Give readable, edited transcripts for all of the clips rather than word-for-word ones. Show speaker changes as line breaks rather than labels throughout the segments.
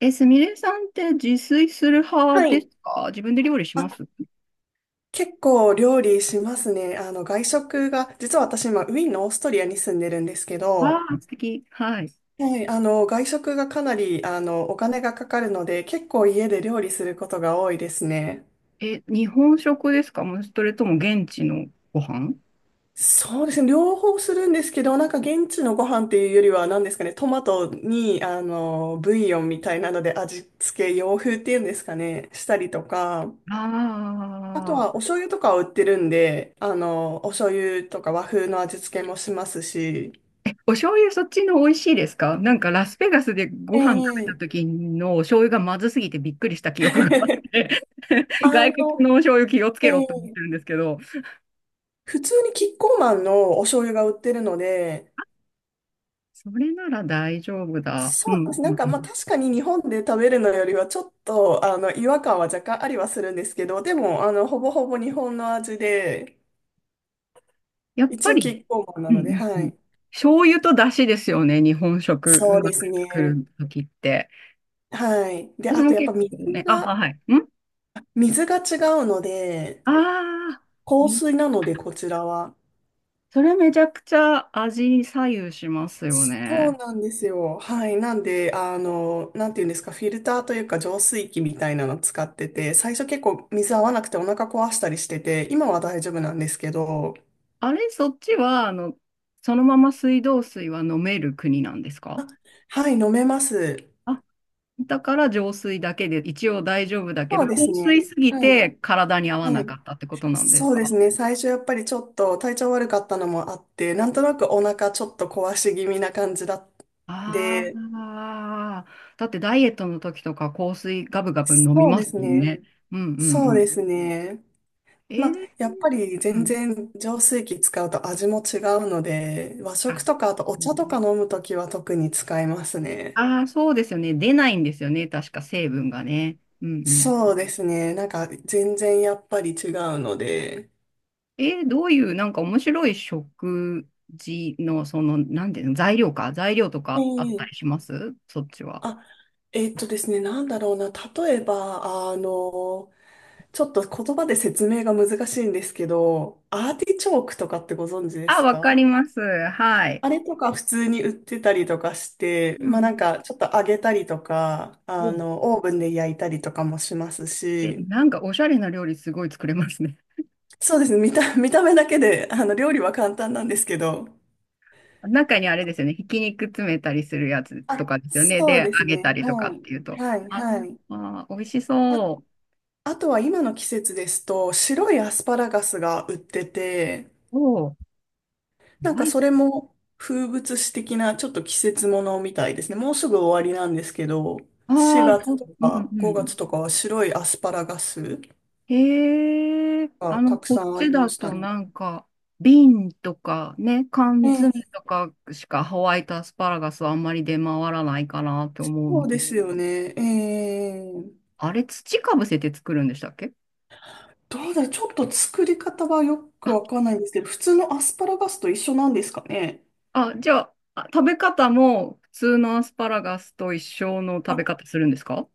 え、すみれさんって自炊する派
は
です
い。
か？自分で料理しま
あ、
す？
結構料理しますね。外食が、実は私今、ウィーンのオーストリアに住んでるんですけ
わ
ど、
あ、素敵。はい。
はい、外食がかなり、お金がかかるので、結構家で料理することが多いですね。
え、日本食ですか？もうそれとも現地のご飯？
そうですね。両方するんですけど、なんか現地のご飯っていうよりは、何ですかね、トマトに、ブイヨンみたいなので味付け、洋風っていうんですかね、したりとか、
あ
あと
あ
はお
ー。
醤油とかを売ってるんで、お醤油とか和風の味付けもしますし、
お醤油そっちの美味しいですか？なんかラスベガスでご
え
飯食べ
え。
た時のお醤油がまずすぎてびっくりした記憶があっ て
あ
外国
の、
のお醤油気をつ
え
けろって思っ
え、
てるんですけど、
普通にキッコーマンのお醤油が売ってるので、
それなら大丈夫だ。う
そう
ん
です。
う
なん
ん
か
う
まあ
ん。
確かに日本で食べるのよりはちょっとあの違和感は若干ありはするんですけど、でもあのほぼほぼ日本の味で、
やっぱ
一応キ
り。
ッコーマンな
うんう
ので、
ん
は
うん。
い。
醤油と出汁ですよね、日本食
そ
う
うで
ま
す
く作
ね。
るときって。
はい。で、
私
あと
も
やっぱ
結構ね、あ、あ
が、
はい。
水が違うので、
ああー、
硬
み、
水なのでこちらは。
それめちゃくちゃ味に左右しますよ
そう
ね。
なんですよ。はい。なんで、なんていうんですか、フィルターというか浄水器みたいなの使ってて、最初結構水合わなくてお腹壊したりしてて、今は大丈夫なんですけど、
あれ、そっちは、そのまま水道水は飲める国なんですか？
あ、はい、飲めます。
あ、だから浄水だけで一応大丈夫だけ
そ
ど、
うで
硬
す
水
ね。
すぎ
はい。
て体に合わ
は
なか
い。
ったってことなんです
そうです
か？
ね。最初やっぱりちょっと体調悪かったのもあって、なんとなくお腹ちょっと壊し気味な感じだっで、
ああ、だってダイエットの時とか香水ガブガブ飲み
そう
ま
で
す
す
もん
ね。
ね。うんうん
そ
う
うで
ん。
すね。
え
まあ、
ー、
やっぱり
う
全
ん。
然浄水器使うと味も違うので、和食
あ、
とかあとお
う
茶とか
ん、
飲むときは特に使いますね。
あー、そうですよね。出ないんですよね。確か成分がね。うんう
そ
ん。
うですね。なんか全然やっぱり違うので。
どういうなんか面白い食事のその、なんていうの、材料か。材料とかあっ
え
たりし
え、
ますそっちは？
あ、ですね、なんだろうな。例えば、ちょっと言葉で説明が難しいんですけど、アーティチョークとかってご存知で
あ、
す
わか
か？
ります。はい。
あれとか普通に売ってたりとかして、
う
まあなん
ん
かちょっと揚げたりとか、
うん。
オーブンで焼いたりとかもします
え、
し、
なんかおしゃれな料理すごい作れますね。
そうですね、見た、見た目だけで、料理は簡単なんですけど、
中にあれですよね、ひき肉詰めたりするやつと
あ、
かですよね。
そう
で、
です
揚げた
ね、
りとか
は
っ
い、
ていうと。
はい、
あ
はい。
あ、美味し
あ、
そ
あとは今の季節ですと、白いアスパラガスが売ってて、
う。おー。
なん
は
か
い。
それも風物詩的なちょっと季節ものみたいですね。もうすぐ終わりなんですけど、
ああ、
4月と
うん
か
う
5
ん。
月とかは白いアスパラガス
へえ、
がたく
こ
さ
っ
んあ
ち
りま
だ
した
と
ね。
なんか、瓶とかね、缶
え
詰
え、
とかしかホワイトアスパラガスはあんまり出回らないかなって思う
そ
ん
うで
です
すよ
けど。
ね。ええ、
あれ、土かぶせて作るんでしたっけ？
どうだちょっと作り方はよくわかんないんですけど、普通のアスパラガスと一緒なんですかね。
あ、じゃあ、食べ方も普通のアスパラガスと一緒の食べ
あ、
方するんですか？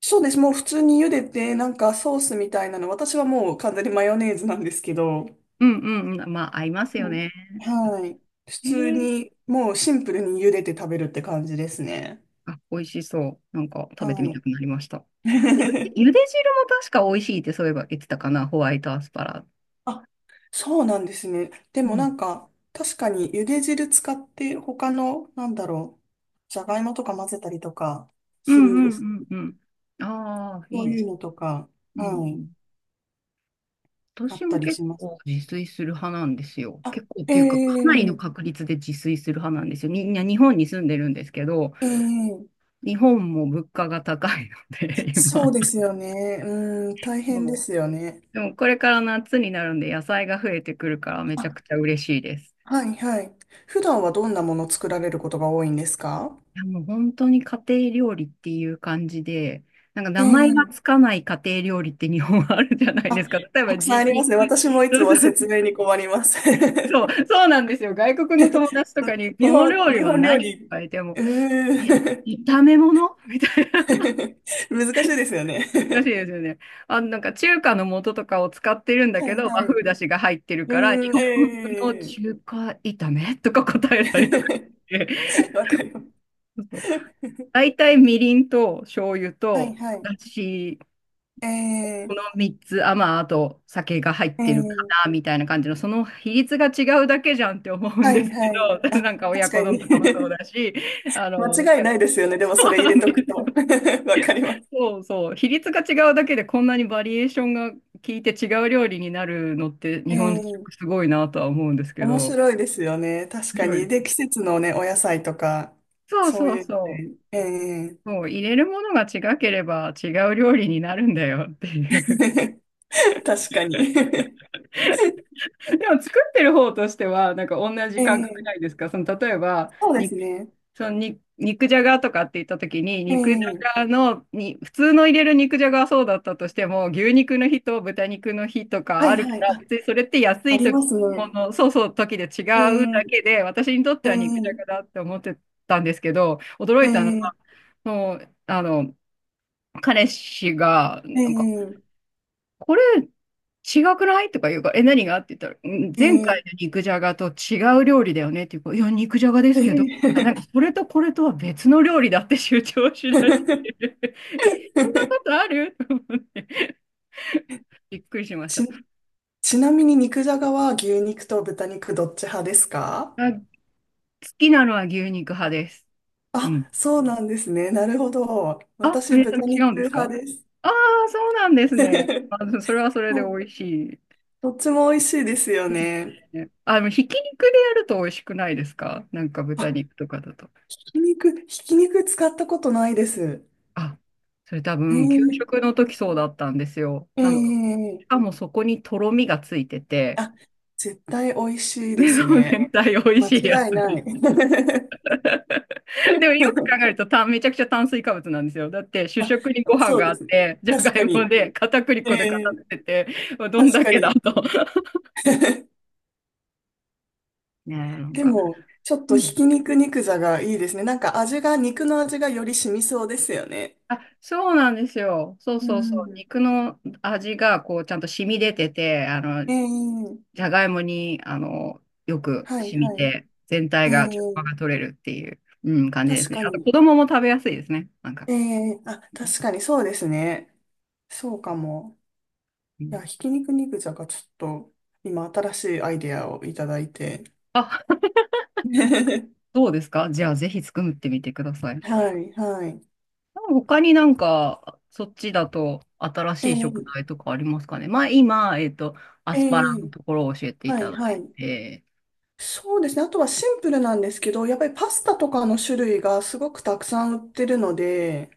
そうです。もう普通に茹でて、なんかソースみたいなの、私はもう完全にマヨネーズなんですけど、
うんうんうん。まあ、合います
う
よ
ん、
ね。
はい。普
え
通
ー、
に、もうシンプルに茹でて食べるって感じですね。
あ、美味しそう。なんか食べて
は
みた
い。
くなりました。ゆで汁も確か美味しいってそういえば言ってたかな、ホワイトアスパラ。
あ、そうなんですね。で
う
も
ん。
なんか、確かに茹で汁使って他の、なんだろう、じゃがいもとか混ぜたりとか
う
するん
んう
ですか？
んうんうん。ああ、
そ
いい
う
で
いう
す。
のとか、
うん
は
う
い、
ん。
あ
私
った
も
り
結
します。
構自炊する派なんですよ。結構っ
あ、
ていうか、かなりの
ええ、
確率で自炊する派なんですよ。みんな日本に住んでるんですけど、
ええ、
日本も物価が高いので、
そ
今。
うですよね。うん、大変で
も
すよね。
でもこれから夏になるんで野菜が増えてくるからめ
あ、
ちゃくちゃ嬉しいです。
はい、はい。普段はどんなもの作られることが多いんですか？
いやもう本当に家庭料理っていう感じで、なんか
え
名前がつ
え、
かない家庭料理って日本はあるじゃないで
あ、
すか。例え
た
ば
くさんありま
肉、
すね。私もいつ
そうそ
も
う、
説明に困ります。
そうそうなんですよ。外国の友達とかに、
日
この
本、
料理
日
は
本料
何って
理、
言われても、
う
え、
ーん。
炒め物みたいな。
難しいですよね。
難しいで すよね。あ、なんか中華の素とかを使ってるんだ
は
け
い、
ど、
は
和
い。
風
う
だしが入ってるから、日
ーん、
本風の
え
中華炒めとか答えたりとか
え。
して。
わかります。
大体みりんと醤油
はい、
と
はい。
だし、
え
この
え、
3つ、あ、まあ、あと酒が入ってるか
ええ、
な、みたいな感じの、その比率が違うだけじゃんって思うん
は
です
い、
け
はい。
ど、
あ、
なんか親
確か
子丼と
に。
かもそう だし、あの、
間違い
ね。
ないですよね。で
そ
もそれ
う
入
な
れ
ん
と
で
くと。
す。
わかります。
そうそう、比率が違うだけでこんなにバリエーションが効いて違う料理になるのって日本
え
食
え。
すごいなとは思うんですけ
面
ど、
白いですよね。確
面
か
白いで
に。で、
す。
季節のね、お野菜とか、
そう
そう
そう
いうの
そう。
で、ええ。
そう入れるものが違ければ違う料理になるんだよっていう。
確かに。
でも作ってる方としては、なんか同じ
え
感覚な
え、
いですか？その例えば、
そうです
肉、
ね。
そのに肉じゃがとかって言った時に、
え
肉じゃが
え、
のに、普通の入れる肉じゃがはそうだったとしても、牛肉の日と豚肉の日と
は
かあ
い、
るか
はい。
ら、
あ、
別にそれって安
あ
い
り
時
ます
も
ね。
の、そうそう時で違うだけ
ええ、
で、私にとっては肉じゃが
ええ、
だって思ってたんですけど、驚いたのは、
え
もう、彼氏が、
え、
なんか
ええ、
これ違くないとか言うから、え、何がって言ったら、うん前回
え
の
え、
肉じゃがと違う料理だよねって言うから、いや、肉じゃがです
え
けど、なんか
え。
それとこれとは別の料理だって主張しだしてる。え、そんなことあると思ってびっくりしました。
ち、ちなみに肉じゃがは牛肉と豚肉どっち派ですか？
あ、好きなのは牛肉派です。うん。
あ、そうなんですね。なるほど。
あ、そ
私、
れ
豚
違うん
肉
ですか？
派です。
ああー、そうなんですね。それはそれ
そ
で
う、
美味しい
どっちも美味しいですよ
ですよ
ね。
ね。でもひき肉でやると美味しくないですか？なんか豚
あ、
肉とかだと。
ひき肉使ったことないです。
あ、それ多
え
分、給
ー、
食の時そうだったんですよ。
え
なんか、し
ー、
かもそこにとろみがついてて、
あ、絶対美味しいで
で、
す
その
ね。
全体美味
間
しいやつ
違い
で
な
す。
い。
でもよく考える とめちゃくちゃ炭水化物なんですよ。だって、主
あ、
食にご飯
そう
があ
で
っ
すね。
て、じゃ
確
がい
か
も
に。
で、片栗粉で固
えー、
めてて、どん
確
だ
か
けだ
に。
と。ねえ、なん
で
か。
も、ちょっ
う
とひ
ん、
き肉肉座がいいですね。なんか味が、肉の味がより染みそうですよね。
あ、そうなんですよ。そう
う
そうそう。
ん。
肉の味が、こう、ちゃんと染み出てて、
ええ、
じゃがいもに、よく
はい、
染み
はい。
て、全体
え
が調和
え、
が取れるっていう、うん、感じで
確
すね。
か
あと、子
に。
供も食べやすいですね。なんか。
ええ、あ、確かにそうですね。そうかも。
う
い
ん、
や、ひき肉肉じゃがちょっと、今新しいアイデアをいただいて。
あ、そうですか。じゃあ、ぜひ作ってみてください。
はい、はい。
他になんか、そっちだと新
え
しい食
え、
材とかありますかね。まあ、今、ア
え
スパラの
え、
ところを教えてい
は
た
い、
だ
は
い
い。
て。
そうですね。あとはシンプルなんですけど、やっぱりパスタとかの種類がすごくたくさん売ってるので、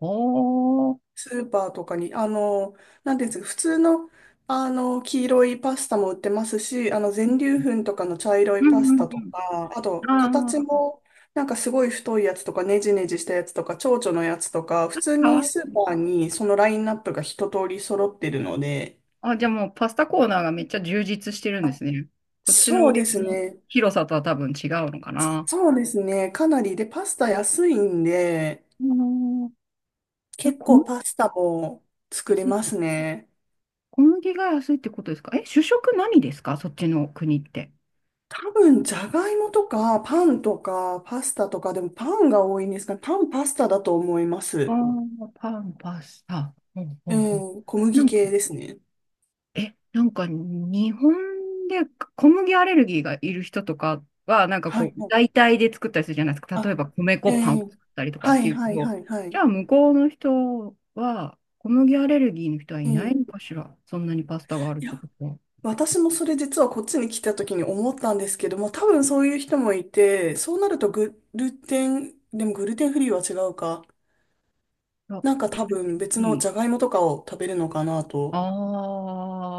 おー。
スーパーとかに、なんていうんですか、普通の、黄色いパスタも売ってますし、全粒粉とかの茶色
う
い
ん
パス
う
タと
ん
か、あ
う
と、
ん。あ
形
あ、
も、なんかすごい太いやつとか、ねじねじしたやつとか、蝶々のやつとか、普通
か
に
わ
ス
い
ー
い。
パーにそのラインナップが一通り揃ってるので、
あ、じゃあもうパスタコーナーがめっちゃ充実してるんで
あ、
すね。こっちの
そ
売
う
り
です
場の
ね。
広さとは多分違うのかな。
そうですね。かなり。で、パスタ安いんで、
あのえ、
結
小麦
構パスタも作れ
安い。
ますね。
小麦が安いってことですか？え、主食何ですかそっちの国って？
多分、じゃがいもとか、パンとか、パスタとか、でもパンが多いんですかね。パン、パスタだと思いま
あ
す。
あ、パン、パスタ。うんう
え
んうん。
ー、小
な
麦
んか、
系ですね。
え、なんか日本で小麦アレルギーがいる人とかは、なんか
は
こ
い、
う、
は
代
い。
替で作ったりするじゃないですか。例
あ、
えば米
え
粉パンを作
ー、
ったりとかっ
は
て
い、
いう
は
け
い、
ど、
はい、は
じ
い。
ゃあ向こうの人は、小麦アレルギーの人はい
え
ない
ー、
のかしら。そんなにパスタがあるっ
い
て
や、
ことは。
私もそれ実はこっちに来た時に思ったんですけども、多分そういう人もいて、そうなるとグルテン、でもグルテンフリーは違うか。
あ、
なんか多
それっ
分別
て
の
いい、
じゃがいもとかを食べるのかなと。
あ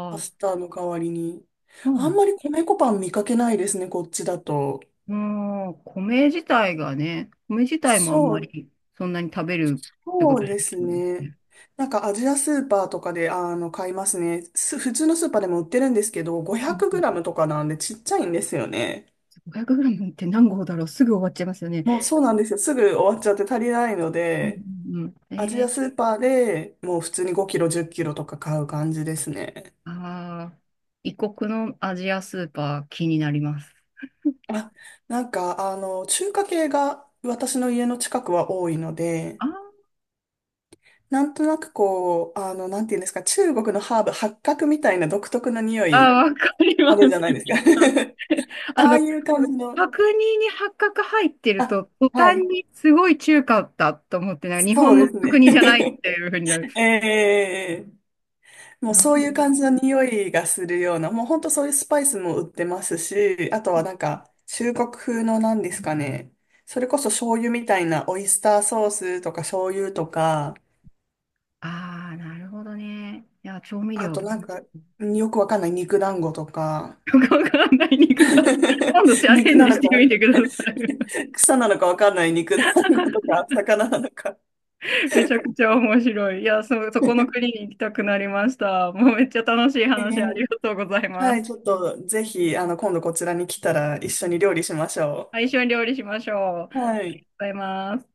パ
ー、
スタの代わりに。
ま
あん
あ、
まり米粉パン見かけないですね、こっちだと。
うん、米自体がね、米自体もあん
そ
ま
う、
りそんなに食べるってこ
そ
と
う
じゃ
です
ないんです
ね。
ね。
なんかアジアスーパーとかで、買いますね。普通のスーパーでも売ってるんですけど、
うん
500
う
グ
ん
ラムとかなんでちっちゃいんですよね。
500g って何合だろう？すぐ終わっちゃいますよね。
もうそうなんですよ。すぐ終わっちゃって足りないの
うん
で、
うんうん。
アジアスーパーでもう普通に5キロ、10キロとか買う感じですね。
ああ、異国のアジアスーパー気になります。
あ、なんか、中華系が私の家の近くは多いので、
あー
なんとなくこう、なんていうんですか、中国のハーブ、八角みたいな独特の匂い、
あー、わかり
あ
ま
るじゃ
す。
ないですか。
あ
ああ
の、
いう感じの、
角煮に八角入ってる
あ、
と、途
は
端
い、
にすごい中華だと思って、なんか日
そ
本
うで
の
す
角
ね。
煮じゃないっていうふうになる。
ええ、もうそういう感じの匂いがするような、もう本当そういうスパイスも売ってますし、あとはなんか、中国風のなんですかね、それこそ醤油みたいなオイスターソースとか醤油とか、
ああ、なるほどね。いや、調味
あ
料
と
だ
なん
ね。
か、よくわかんない肉団子とか、
よくわかんない肉だ。今度チ ャレ
肉
ン
な
ジ
の
して
か、
みてください。
草なのかわかんない肉団子とか魚なのか。
めちゃくちゃ面白い。いや、そこの国に行きたくなりました。もうめっちゃ楽しい
え
話あり
え、
がとうござい
は
ま
い、ちょっ
す。
とぜひ、今度こちらに来たら一緒に料理しまし ょ
あ、一緒に料理しましょう。ありがとう
う。はい。
ございます。